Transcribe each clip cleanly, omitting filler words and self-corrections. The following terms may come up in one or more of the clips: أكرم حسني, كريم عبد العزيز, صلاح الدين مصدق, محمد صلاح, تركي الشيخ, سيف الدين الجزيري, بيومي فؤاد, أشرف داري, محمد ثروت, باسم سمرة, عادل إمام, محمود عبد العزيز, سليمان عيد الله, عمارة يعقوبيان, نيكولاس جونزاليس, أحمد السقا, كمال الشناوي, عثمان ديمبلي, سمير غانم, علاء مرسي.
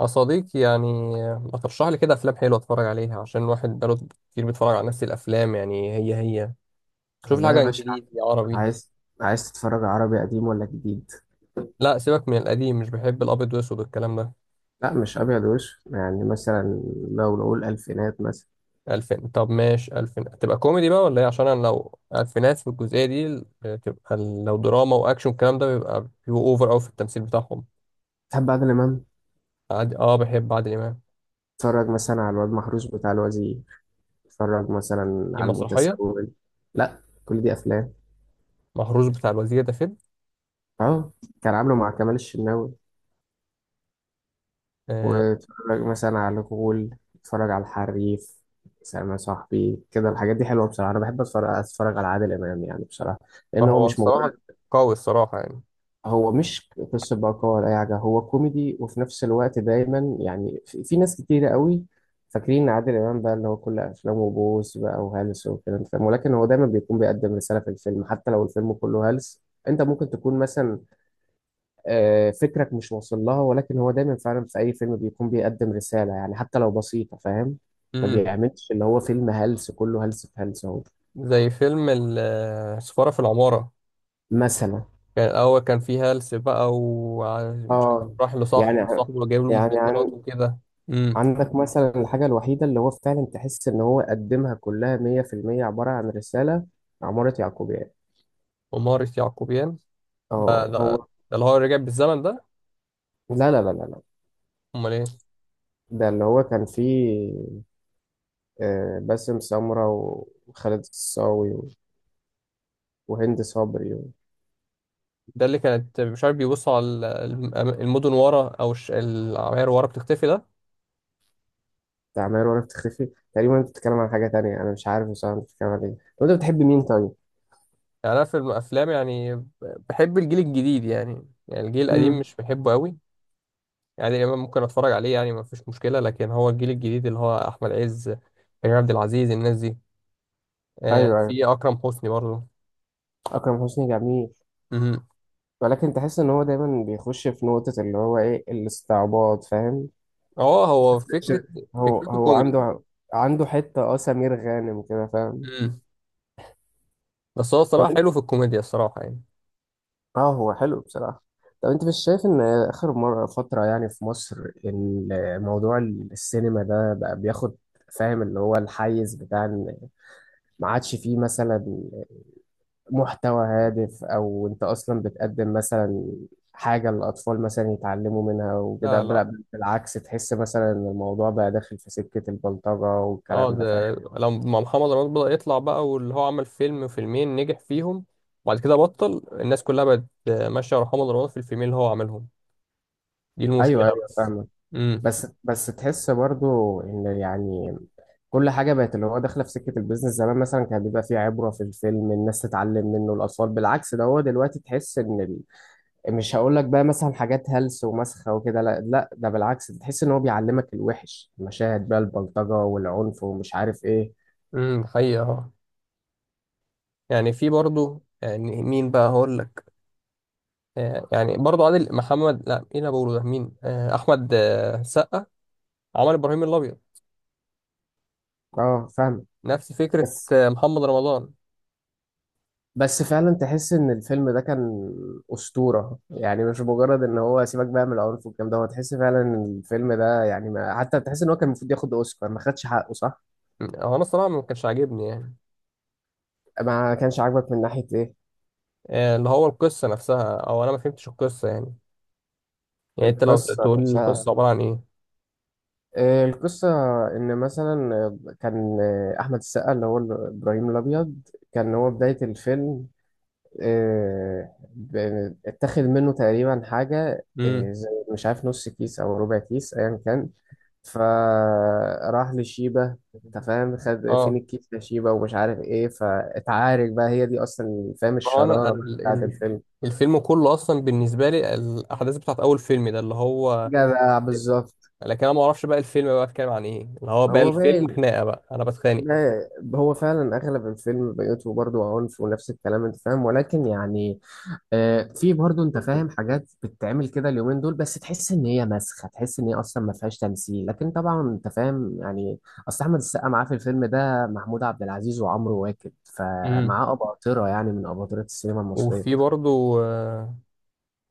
يا صديقي يعني، ما ترشح لي كده افلام حلوه اتفرج عليها عشان الواحد بقاله كتير بيتفرج على نفس الافلام، يعني هي هي. شوف لي والله يا حاجه باشا، انجليزي عربي. عايز عايز تتفرج عربي قديم ولا جديد؟ لا سيبك من القديم، مش بحب الابيض والاسود والكلام ده. لا، مش ابيض وش، يعني مثلا لو نقول الفينات مثلا. الفين؟ طب ماشي، الفين تبقى كوميدي بقى ولا ايه؟ عشان انا لو الفينات في الجزئيه دي تبقى، لو دراما واكشن الكلام ده بيبقى بيبقوا اوفر قوي في التمثيل بتاعهم. تحب عادل امام؟ عادي اه، بحب عادل امام. تتفرج مثلا على الواد محروس بتاع الوزير، تتفرج مثلا دي على مسرحيه؟ المتسول. لا، كل دي افلام مهروس بتاع الوزير ده فيلم؟ اهو، كان عامله مع كمال الشناوي، آه. وتتفرج مثلا على الغول، تتفرج على الحريف. سلام يا صاحبي، كده الحاجات دي حلوه بصراحه. انا بحب اتفرج على عادل امام يعني بصراحه، لان هو فهو مش الصراحه قوي الصراحه يعني. هو مش قصة بقى ولا أي حاجة، هو كوميدي وفي نفس الوقت دايما يعني في ناس كتيرة قوي فاكرين إن عادل إمام بقى اللي هو كل أفلامه بوس بقى وهلس والكلام ده، فاهم؟ ولكن هو دايما بيكون بيقدم رسالة في الفيلم حتى لو الفيلم كله هلس. أنت ممكن تكون مثلا، فكرك مش واصل لها، ولكن هو دايما فعلا في أي فيلم بيكون بيقدم رسالة يعني حتى لو بسيطة، فاهم؟ ما مم. بيعملش اللي هو فيلم هلس كله هلس في هلس أهو. زي فيلم السفارة في العمارة. مثلا، كان الأول كان فيه هلس بقى ومش آه راح لصاحبه، يعني وصاحبه جايب له يعني مخدرات وكده. امم. عندك مثلا الحاجة الوحيدة اللي هو فعلا تحس إن هو قدمها كلها مية في المية عبارة عن رسالة، عمارة يعقوبيان. ومارس يعقوبيان. ده, اه ده, ده هو. اللي هو رجع بالزمن ده. لا لا لا لا لا، أمال إيه؟ ده اللي هو كان فيه باسم سمرة وخالد الصاوي وهند صبري ده اللي كانت مش عارف بيبص على الم- المدن ورا، أو العماير ورا بتختفي ده. وتعمير وأنا بتختفي تقريبا. أنت بتتكلم عن حاجة تانية، أنا مش عارف بصراحة أنت بتتكلم عن إيه. طب أنت بتحب مين طيب؟ يعني أنا في الأفلام، يعني بحب الجيل الجديد، يعني الجيل القديم امم مش بحبه قوي، يعني ممكن أتفرج عليه يعني مفيش مشكلة، لكن هو الجيل الجديد اللي هو أحمد عز، كريم عبد العزيز، الناس دي. أيوه أيوه، في اكرم حسني برضه. أكرم حسني جميل، مهم. ولكن تحس إن هو دايما بيخش في نقطة اللي هو إيه، الاستعباط، فاهم؟ اه هو ش- فكره، هو فكرته هو كوميدي. عنده حتة سمير غانم كده، فاهم. مم. بس هو طب الصراحه انت، حلو في الكوميديا الصراحه يعني. اه هو حلو بصراحة. طب انت مش شايف ان اخر مرة فترة يعني في مصر، ان موضوع السينما ده بقى بياخد، فاهم، اللي هو الحيز بتاع ان ما عادش فيه مثلا محتوى هادف، او انت اصلا بتقدم مثلا حاجة الأطفال مثلا يتعلموا منها وكده، لا، لا. بالعكس تحس مثلا إن الموضوع بقى داخل في سكة البلطجة اه والكلام ده، فاهم؟ ده لما محمد رمضان بدأ يطلع بقى، واللي هو عمل فيلمين نجح فيهم، وبعد كده بطل الناس كلها بقت ماشيه ورا محمد رمضان في الفيلمين اللي هو عاملهم. دي أيوه المشكله أيوه، بس. فاهم. امم. بس تحس برضو ان يعني كل حاجه بقت اللي هو داخله في سكه البيزنس. زمان مثلا كان بيبقى فيه عبره في الفيلم الناس تتعلم منه الاطفال، بالعكس ده، هو دلوقتي تحس ان مش هقول لك بقى مثلا حاجات هلس ومسخه وكده، لا لا، ده بالعكس، تحس ان هو بيعلمك الوحش المشاهد بقى، البلطجه والعنف ومش عارف ايه. حقيقه اه. يعني في برضه، يعني مين بقى هقول لك؟ يعني برضه عادل محمد، لا، مين اللي بقوله ده، مين؟ احمد سقا عمل ابراهيم الابيض، اه فاهم. نفس فكرة بس محمد رمضان. بس فعلا تحس ان الفيلم ده كان اسطوره، يعني مش مجرد ان هو سيبك بقى من العنف والكلام ده، هو تحس فعلا ان الفيلم ده يعني، ما حتى تحس ان هو كان المفروض ياخد اوسكار، ما خدش حقه صح؟ هو أنا الصراحة ما كانش عاجبني يعني. ما كانش عاجبك من ناحيه ايه؟ اللي هو القصة نفسها، أو أنا ما فهمتش القصة يعني. يعني أنت لو القصه تقول لي نفسها، القصة عبارة عن إيه؟ القصه ان مثلا، كان احمد السقا اللي هو ابراهيم الابيض، كان هو بدايه الفيلم، اتاخد منه تقريبا حاجه امم. زي مش عارف نص كيس او ربع كيس ايا كان، فراح لشيبة. انت فاهم، خد فين أه. الكيس يا شيبة ومش عارف ايه، فاتعارك بقى، هي دي اصلا، فاهم، ما هو أنا الشرارة بقى بتاعت الفيلم. الفيلم كله أصلا بالنسبة لي الأحداث بتاعت أول فيلم ده اللي هو، جدع بالظبط. لكن أنا ما أعرفش بقى الفيلم بقى بيتكلم عن إيه، اللي هو بقى هو الفيلم باين، خناقة بقى أنا بتخانق. هو فعلا اغلب الفيلم بيوته برضه عنف ونفس الكلام، انت فاهم، ولكن يعني في برضه انت فاهم حاجات بتتعمل كده اليومين دول، بس تحس ان هي مسخه، تحس ان هي اصلا ما فيهاش تمثيل. لكن طبعا انت فاهم يعني، اصل احمد السقا معاه في الفيلم ده محمود عبد العزيز وعمرو واكد، امم. فمعاه اباطره يعني من اباطره السينما المصريه. وفي برضو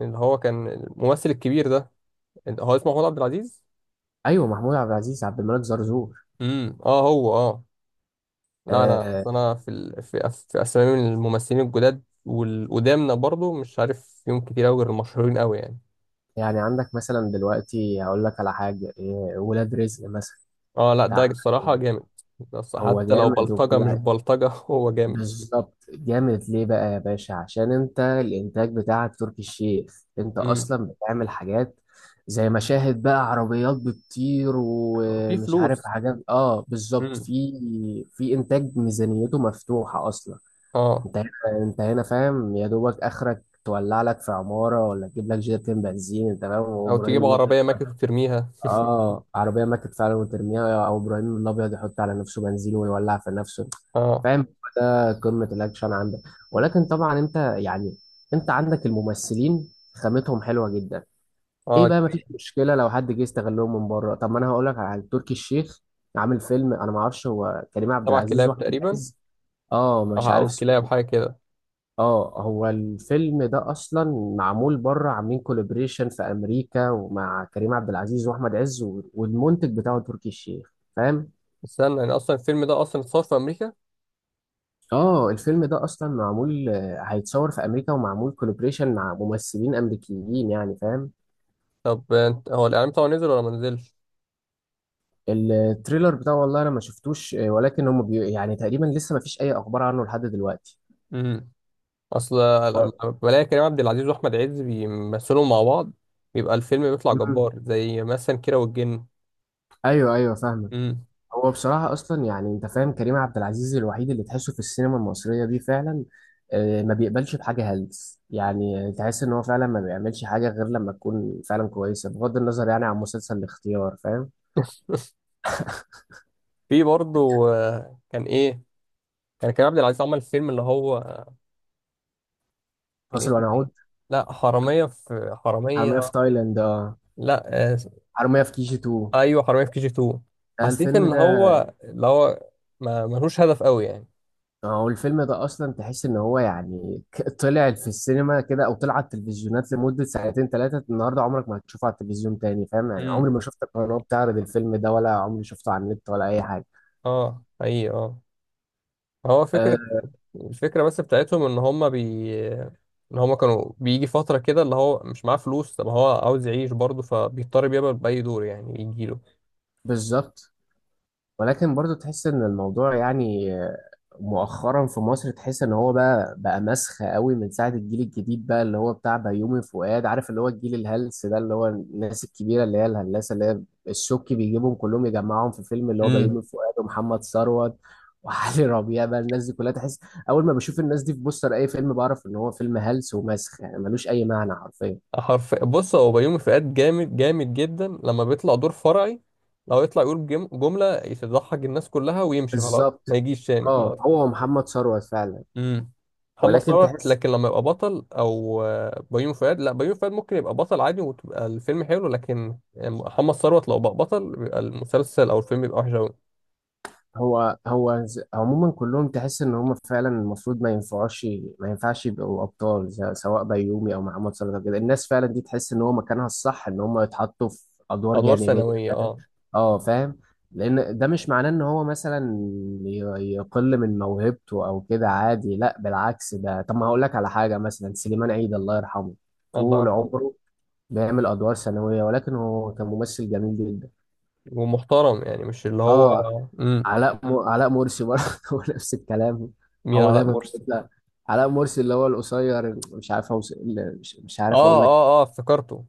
اللي هو كان الممثل الكبير ده، هو اسمه محمود عبد العزيز. ايوه، محمود عبد العزيز عبد الملك زرزور. اه هو اه. لا انا آه اصل انا في ال... في, أس... في اسامي من الممثلين الجداد والقدامنا برضو مش عارف فيهم كتير قوي غير المشهورين قوي يعني. يعني عندك مثلا دلوقتي هقول لك على حاجه، ولاد رزق مثلا اه، لا بتاع ده أحمد الصراحه عز. جامد، بس هو حتى لو جامد بلطجه وكل مش حاجه بلطجه هو جامد. بالظبط. جامد ليه بقى يا باشا؟ عشان انت الانتاج بتاعك تركي الشيخ، انت امم. اصلا بتعمل حاجات زي مشاهد بقى عربيات بتطير في ومش عارف فلوس. حاجات، اه بالظبط، امم في انتاج ميزانيته مفتوحة اصلا. اه. انت هنا انت هنا فاهم، يا دوبك اخرك تولع لك في عمارة ولا تجيب لك جيرتين بنزين، انت فاهم، او وابراهيم تجيب الله. عربيه ماكس وترميها. اه، عربيه ماتت فعلا وترميها، او ابراهيم الابيض يحط على نفسه بنزين ويولع في نفسه، اه، فاهم؟ ده قمه الاكشن عندك. ولكن طبعا انت يعني، انت عندك الممثلين خامتهم حلوه جدا. ايه اه. بقى؟ مفيش مشكله لو حد جه يستغلهم من بره. طب ما انا هقول لك على حاجة. تركي الشيخ عامل فيلم، انا ما اعرفش، هو كريم عبد سبع العزيز كلاب واحمد تقريبا، عز، اه او مش عارف. او كلاب حاجه كده. اه هو الفيلم ده اصلا معمول بره، عاملين كولابريشن في امريكا ومع كريم عبد العزيز واحمد عز والمنتج بتاعه تركي الشيخ، فاهم. استنى، يعني اصلا الفيلم ده اصلا اتصور في امريكا؟ اه الفيلم ده اصلا معمول، هيتصور في امريكا ومعمول كولابريشن مع ممثلين امريكيين يعني، فاهم. طب انت هو الاعلان بتاعه نزل ولا ما نزلش؟ التريلر بتاعه والله انا ما شفتوش، ولكن هم يعني تقريبا لسه ما فيش اي اخبار عنه لحد دلوقتي. اصل و... لما بلاقي كريم عبد العزيز واحمد عز بيمثلوا مع بعض بيبقى الفيلم بيطلع مم. جبار، زي مثلا كيرة والجن. ايوه ايوه، فاهمك. امم. هو بصراحة أصلا يعني أنت فاهم، كريم عبد العزيز الوحيد اللي تحسه في السينما المصرية دي فعلا، ما بيقبلش بحاجة هلس. يعني تحس إن هو فعلا ما بيعملش حاجة غير لما تكون فعلا كويسة، بغض النظر يعني عن مسلسل الاختيار، فاهم. في برضه كان ايه، كان كريم عبد العزيز عمل فيلم اللي هو كان فاصل اسمه ايه؟ ونعود. لا حرامية في حرامية في حرامية، تايلاند، لا آه، حرامية في كيجي 2، ايوه، حرامية في كي جي 2. حسيت الفيلم ان ده، هو اللي هو ما ملوش هدف قوي يعني. هو الفيلم ده أصلا تحس إن هو يعني طلع في السينما كده، أو طلع على التلفزيونات لمدة ساعتين ثلاثة، النهاردة عمرك ما هتشوفه على التلفزيون تاني فاهم يعني، امم عمري ما شفت قناة بتعرض الفيلم ده، ولا عمري شفته على النت ولا أي حاجة. اه حقيقي اه. هو آه، فكرة، الفكرة بس بتاعتهم ان هما ان هما كانوا بيجي فترة كده اللي هو مش معاه فلوس، طب هو عاوز يعيش برضه فبيضطر يقبل بأي دور يعني يجيله. بالظبط، ولكن برضو تحس ان الموضوع يعني، مؤخرا في مصر، تحس ان هو بقى مسخة قوي من ساعة الجيل الجديد بقى اللي هو بتاع بيومي فؤاد، عارف، اللي هو الجيل الهلس ده، اللي هو الناس الكبيرة اللي هي الهلاسة اللي هي الشك بيجيبهم كلهم يجمعهم في فيلم، اللي هو امم. بيومي فؤاد ومحمد ثروت وعلي ربيع بقى، الناس دي كلها تحس، اول ما بشوف الناس دي في بوستر اي فيلم، بعرف ان هو فيلم هلس ومسخ يعني، ملوش اي معنى حرفيا. حرف، بص هو بيومي فؤاد جامد جامد جدا لما بيطلع دور فرعي، لو يطلع يقول جملة تضحك الناس كلها ويمشي خلاص، بالظبط. ما يجيش تاني اه خلاص. هو محمد ثروت فعلا. امم. محمد ولكن ثروت، تحس، لكن لما يبقى بطل، او بيومي فؤاد، لا، بيومي فؤاد ممكن يبقى بطل عادي وتبقى الفيلم حلو، لكن محمد ثروت لو بقى بطل بيبقى المسلسل او الفيلم بيبقى وحش أوي. هو عموما كلهم تحس ان هم فعلا المفروض ما ينفعوش، ما ينفعش يبقوا ابطال، سواء بيومي او محمد صلاح أو كده، الناس فعلا دي تحس ان هو مكانها الصح ان هم يتحطوا في ادوار ادوار جانبيه، ثانويه فاهم؟ اه. اه فاهم. لان ده مش معناه ان هو مثلا ي- يقل من موهبته او كده، عادي، لا بالعكس ده. طب ما هقول لك على حاجه مثلا، سليمان عيد الله يرحمه، الله طول يرحمه. عمره بيعمل ادوار ثانويه ولكن هو كان ممثل جميل جدا. ومحترم يعني، مش اللي هو. اه، امم. علاء مرسي برضه، هو نفس الكلام، مين هو علاء دايما مرسي؟ بيطلع. علاء مرسي اللي هو القصير، مش عارف اللي مش عارف اقول اه، لك، اه، اه، افتكرته.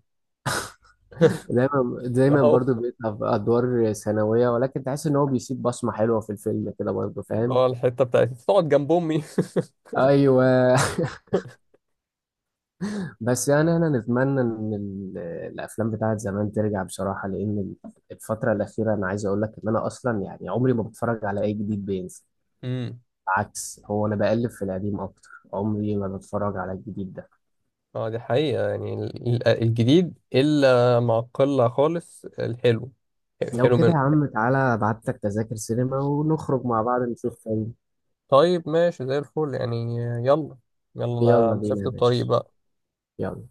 دايما اللي دايما برضه هو بيطلع في ادوار ثانويه ولكن تحس ان هو بيسيب بصمه حلوه في الفيلم كده برضه، اللي فاهم. هو الحته بتاعت تقعد جنب امي. ايوه. بس يعني انا نتمنى ان الافلام بتاعت زمان ترجع بصراحه، لان الفتره الاخيره انا عايز اقول لك ان انا اصلا يعني عمري ما بتفرج على اي جديد بينزل، امم. عكس هو انا بقلب في القديم اكتر. عمري ما بتفرج على الجديد ده. اه، دي حقيقه، يعني الجديد الا مع قله خالص الحلو. لو حلو كده يا منه. عم، تعالى ابعت لك تذاكر سينما ونخرج مع بعض نشوف فيلم. طيب ماشي زي الفل يعني. يلا. يلا. انا يلا مسافه بينا يا الطريق باشا. بقى. يلا.